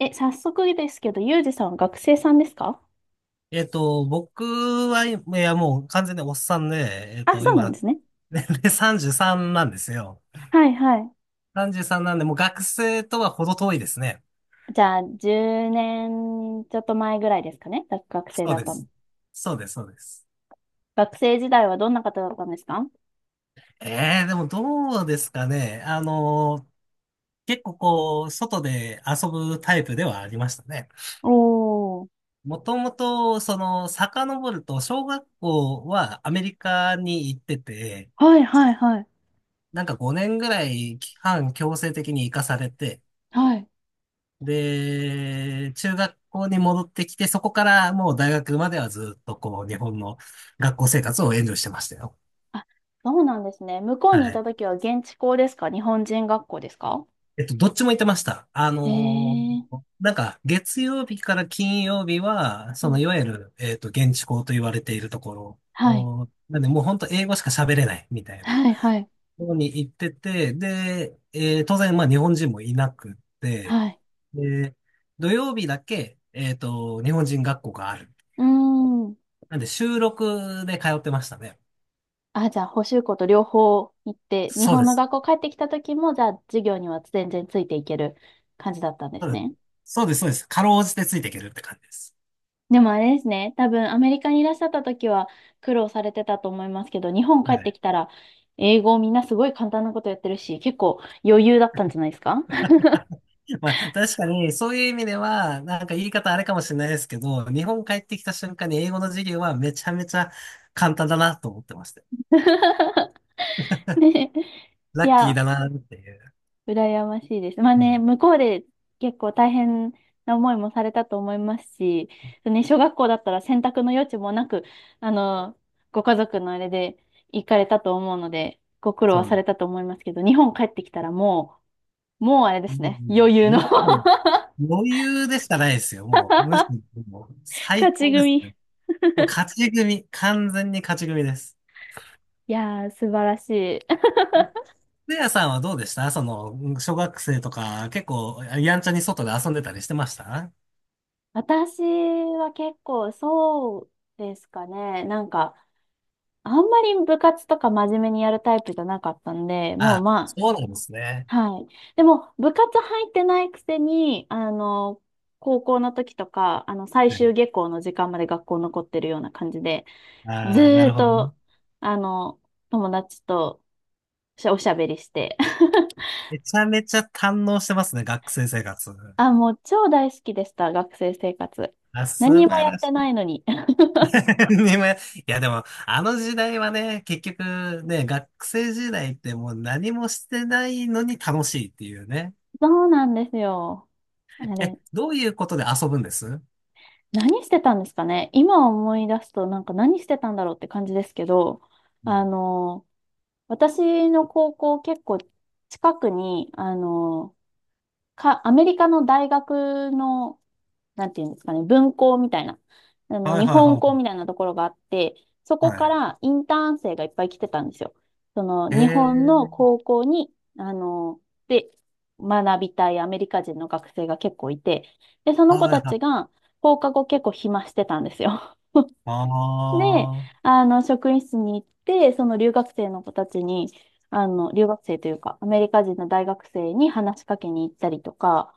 早速ですけど、ゆうじさんは学生さんですか？僕は、いや、もう完全におっさんで、あ、そうなん今、ですね。年齢33なんですよ。はいはい。33なんで、もう学生とは程遠いですね。じゃあ、10年ちょっと前ぐらいですかね。学生そうだっでたの。す。そうです、そうです。学生時代はどんな方だったんですか？ええでもどうですかね。結構こう、外で遊ぶタイプではありましたね。おー。もともと、遡ると、小学校はアメリカに行ってて、はいはいはい。なんか5年ぐらい期間強制的に行かされて、はい。で、中学校に戻ってきて、そこからもう大学まではずっとこう、日本の学校生活をエンジョイしてましたよ。あ、そうなんですね。向こうはにいたい。時は現地校ですか、日本人学校ですか？どっちも行ってました。へえー。なんか、月曜日から金曜日は、うん、いわゆる、現地校と言われているところはい。を、なんで、もう本当英語しか喋れないみたいなはいはい。ところに行ってて、で、当然、まあ、日本人もいなくて、はい。で、土曜日だけ、日本人学校がある。うーん。なんで収録で通ってましたね。あ、じゃあ、補習校と両方行って、日そう本でのす。学校帰ってきた時も、じゃあ、授業には全然ついていける感じだったんでそうすでね。す。そうです、そうです。かろうじてついていけるって感じです。でもあれですね、多分アメリカにいらっしゃった時は苦労されてたと思いますけど、日本帰はってい。きたら、英語みんなすごい簡単なことやってるし、結構余裕だったんじゃないですか？ まあ、確かに、そういう意味では、なんか言い方あれかもしれないですけど、日本帰ってきた瞬間に英語の授業はめちゃめちゃ簡単だなと思ってました。ね。ラいッキーや、だなっていう。羨ましいです。まあうん、ね、向こうで結構大変な思いもされたと思いますし、ね、小学校だったら選択の余地もなく、あの、ご家族のあれで行かれたと思うので、ご苦労はそうさね。れたと思いますけど、日本帰ってきたらもう、あれですね、余裕の も う、余裕でしかないですよ。もう、むしろ、もう最勝ち高です組。ね。いもう勝ち組、完全に勝ち組です。やー、素晴らしい。レアさんはどうでした小学生とか、結構、やんちゃに外で遊んでたりしてました？私は結構そうですかね。なんか、あんまり部活とか真面目にやるタイプじゃなかったんで、もうあ、まあ、そうなんですね。はい。でも、部活入ってないくせに、高校の時とか、最はい。終下校の時間まで学校残ってるような感じで、ずああ、なーるっほどね。と、あの、友達としおしゃべりして。めちゃめちゃ堪能してますね、学生生活。あ、もう超大好きでした、学生生活。あ、素何も晴やっらてしい。ないのに。でもいや、でも、あの時代はね、結局ね、学生時代ってもう何もしてないのに楽しいっていうね。そうなんですよ。あえ、れ、どういうことで遊ぶんです？何してたんですかね。今思い出すと、なんか何してたんだろうって感じですけど、うあん。の、私の高校結構近くに、アメリカの大学の、なんていうんですかね、分校みたいな、はい日はい本は校いみたいなところがあって、そこはい。かはい。らインターン生がいっぱい来てたんですよ。その、へ日本のえ。高校に、あの、で、学びたいアメリカ人の学生が結構いて、で、その子はいたはちい。が放課後結構暇してたんですよ。あで、あ。職員室に行って、その留学生の子たちに、留学生というか、アメリカ人の大学生に話しかけに行ったりとか、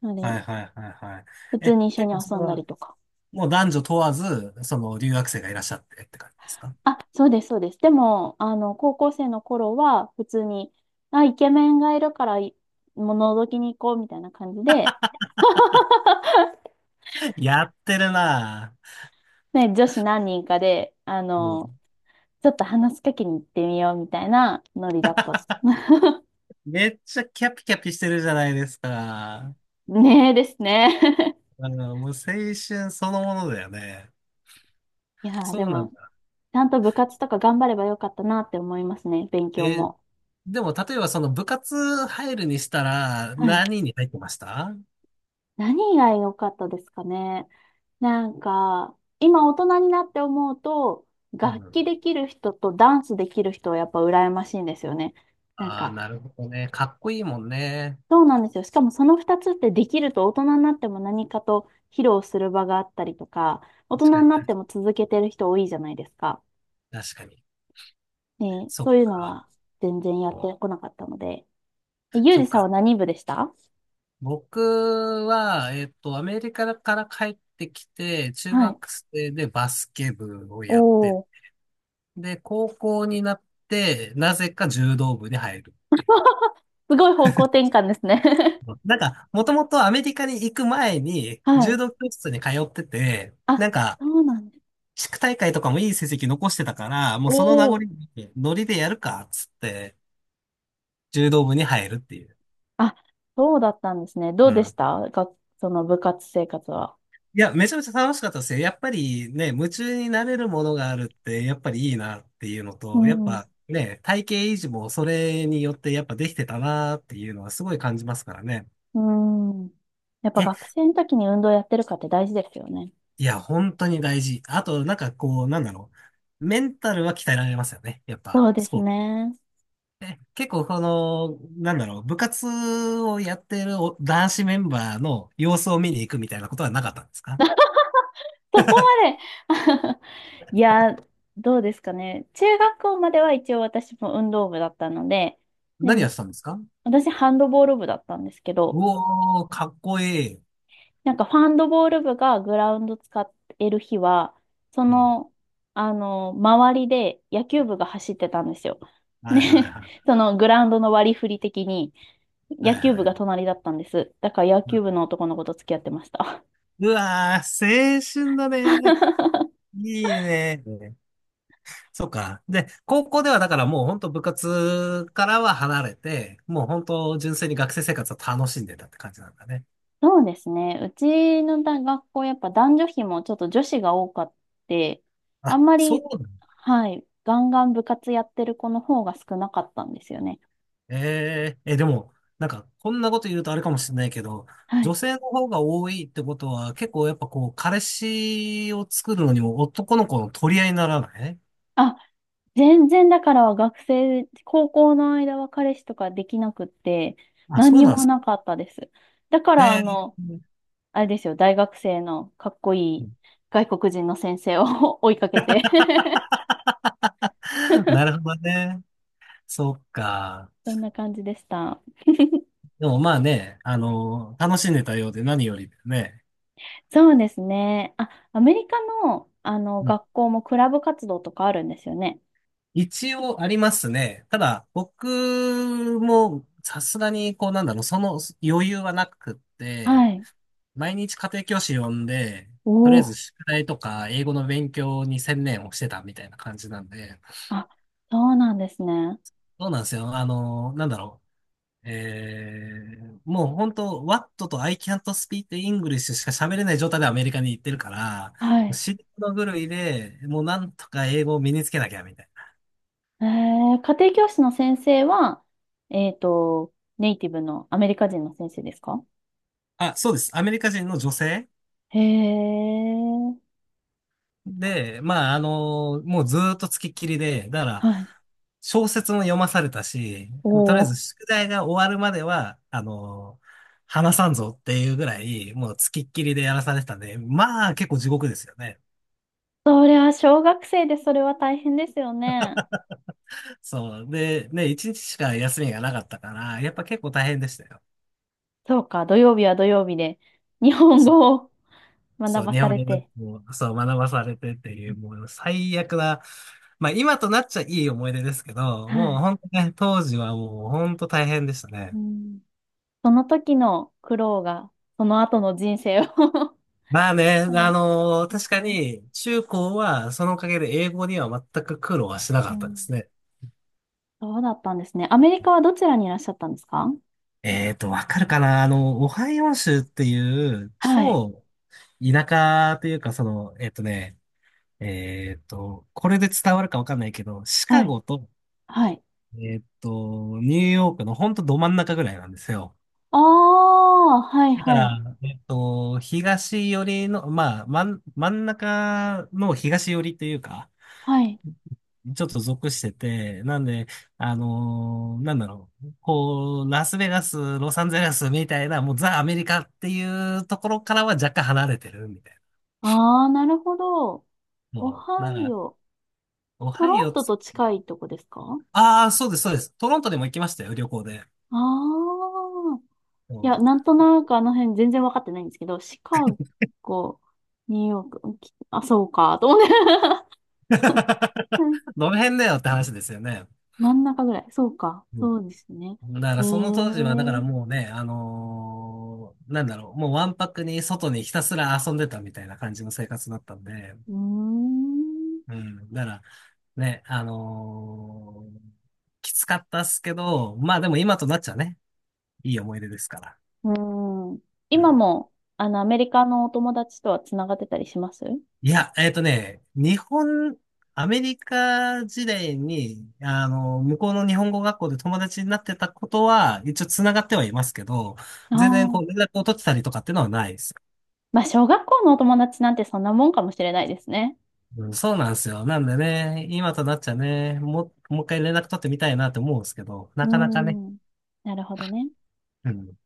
なのはで、いはいはいはい。普通え、に一緒結に構そ遊れんだは、りとか。もう男女問わず、その留学生がいらっしゃってって感じですか？ あ、そうです、そうです。でも、高校生の頃は、普通に、あ、イケメンがいるから、もう覗きに行こうみたいな感じで、やってるなね、女子何人かで、ぁ。うん。ちょっと話しかけに行ってみようみたいなノリだったっす。めっちゃキャピキャピしてるじゃないですか。ねえですね。もう青春そのものだよね。いやー、でそうなんも、だ。ちゃんと部活とか頑張ればよかったなって思いますね、勉強え、も。でも例えばその部活入るにしたらはい。何に入ってました？何が良かったですかね。なんか、今大人になって思うと、う楽ん。器できる人とダンスできる人はやっぱ羨ましいんですよね。なんああ、か、なるほどね。かっこいいもんね。そうなんですよ。しかもその2つってできると大人になっても何かと披露する場があったりとか、大確人かにに、なっても続けてる人多いじゃないですか。確かに。ね、そそっういうのか。は全然やってこなかったので。ゆうそじっさんはか。何部でした？僕は、アメリカから帰ってきて、中はい。学生でバスケ部をやって、おー で、高校になって、なぜか柔道部に入るってい すごい方向転換ですね。 う。なんか、もともとアメリカに行く前に、は柔い。道教室に通ってて、あ、なんか、そうなんです。地区大会とかもいい成績残してたから、もおうその名残お。に、ノリでやるか、っつって、柔道部に入るっていう。あ、そうだったんですね。どううでしん。たが、その部活生活は。いや、めちゃめちゃ楽しかったですよ。やっぱりね、夢中になれるものがあるって、やっぱりいいなっていうのうと、やっん。ぱね、体型維持もそれによってやっぱできてたなっていうのはすごい感じますからね。うん。やっぱえ、学生の時に運動やってるかって大事ですよね。いや、本当に大事。あと、なんかこう、なんだろう。メンタルは鍛えられますよね。やっそうぱ、でスすポーツ。ね。え結構この、なんだろう、部活をやってるお男子メンバーの様子を見に行くみたいなことはなかったんですか？そこまで いや、どうですかね。中学校までは一応私も運動部だったので、で、何やってたんですか？う私ハンドボール部だったんですけど、おー、かっこいい。なんかファンドボール部がグラウンド使ってる日は、そうん。の、周りで野球部が走ってたんですよ。はいはいね、は いそのグラウンドの割り振り的には野い球は部がい。隣だったんです。だから野球部うの男の子と付き合ってました。わー、青春だね。いいね。そっか。で、高校ではだからもう本当部活からは離れて、もう本当純粋に学生生活を楽しんでたって感じなんだね。そうですね。うちの大学校、やっぱ男女比もちょっと女子が多かって、あんあ、まそり、うだね。はい、ガンガン部活やってる子の方が少なかったんですよね。でも、なんかこんなこと言うとあれかもしれないけど、は女い、性の方が多いってことは結構やっぱこう、彼氏を作るのにも男の子の取り合いにならない？あ、全然だから学生、高校の間は彼氏とかできなくって、あ、何そうになんでもすか。なかったです。だからえー あれですよ、大学生のかっこいい外国人の先生を 追いかけて なるほどね。そっか。そんな感じでした。でもまあね、楽しんでたようで何よりだよね。そうですね。あ、アメリカの、あのうん。学校もクラブ活動とかあるんですよね。一応ありますね。ただ、僕もさすがに、こうなんだろう、その余裕はなくって、はい。毎日家庭教師呼んで、おとりあえずお。宿題とか英語の勉強に専念をしてたみたいな感じなんで、あ、そうなんですね。そうなんですよ。なんだろう。もう本当、What と I can't speak English しか喋れない状態でアメリカに行ってるから、もはうい。死ぬ狂いで、もうなんとか英語を身につけなきゃみたい家庭教師の先生は、えっと、ネイティブのアメリカ人の先生ですか？な。あ、そうです。アメリカ人の女性へえ、で、まあ、もうずーっとつきっきりで、だから、はい。小説も読まされたし、おとりあえずお。宿題が終わるまでは、話さんぞっていうぐらい、もうつきっきりでやらされてたんで、まあ、結構地獄ですよね。それは小学生でそれは大変ですよね。そう。で、ね、一日しか休みがなかったから、やっぱ結構大変でしたよ。そうか、土曜日は土曜日で日本そう。語を学そう、ば日さ本れ語学て。校、そう、学ばされてっていう、もう最悪な、まあ今となっちゃいい思い出ですけど、はもうい。本当ね、当時はもう本当大変でしたうね。ん、その時の苦労が、その後の人生を まあね、なんで確すかね。に中高はそのおかげで英語には全く苦労はしなかうったでん。すね。そうだったんですね。アメリカはどちらにいらっしゃったんですか？わかるかなオハイオ州っていうはい。超田舎というか、その、えっとね、えっと、これで伝わるかわかんないけど、シカはい。ゴと、はい。ニューヨークのほんとど真ん中ぐらいなんですよ。ああ、はいだかはい、ら、東寄りの、まあ、真ん中の東寄りというか、はい。ちょっと属してて、なんで、なんだろう、こう、ラスベガス、ロサンゼルスみたいな、もうザ・アメリカっていうところからは若干離れてるみたいああ、なるほど。な。オもう、ハなイんか、オ。オトハイロンオトつ、と近いとこですか？あああ、そうです、そうです。トロントでも行きましたよ、旅行で。あー。いや、そなう んとなくあの辺全然わかってないんですけど、シカゴ、ニューヨーク、あ、そうか、と思って。うん、 どの辺だよって話ですよね。真ん中ぐらい。そうか。うん。そうですね。だかええらその当時は、だからー、もうね、なんだろう、もうわんぱくに外にひたすら遊んでたみたいな感じの生活だったんで、うーん。うん、だからね、きつかったっすけど、まあでも今となっちゃね、いい思い出ですから。うーん。う今ん。も、アメリカのお友達とはつながってたりしますあ？いや、アメリカ時代に、向こうの日本語学校で友達になってたことは、一応繋がってはいますけど、あ全然こー。う連絡を取ってたりとかっていうのはないです。まあ、小学校のお友達なんてそんなもんかもしれないですね。うん、そうなんですよ。なんでね、今となっちゃね、もう、もう一回連絡取ってみたいなって思うんですけど、なうかなかね。ん。なるほどね。うん。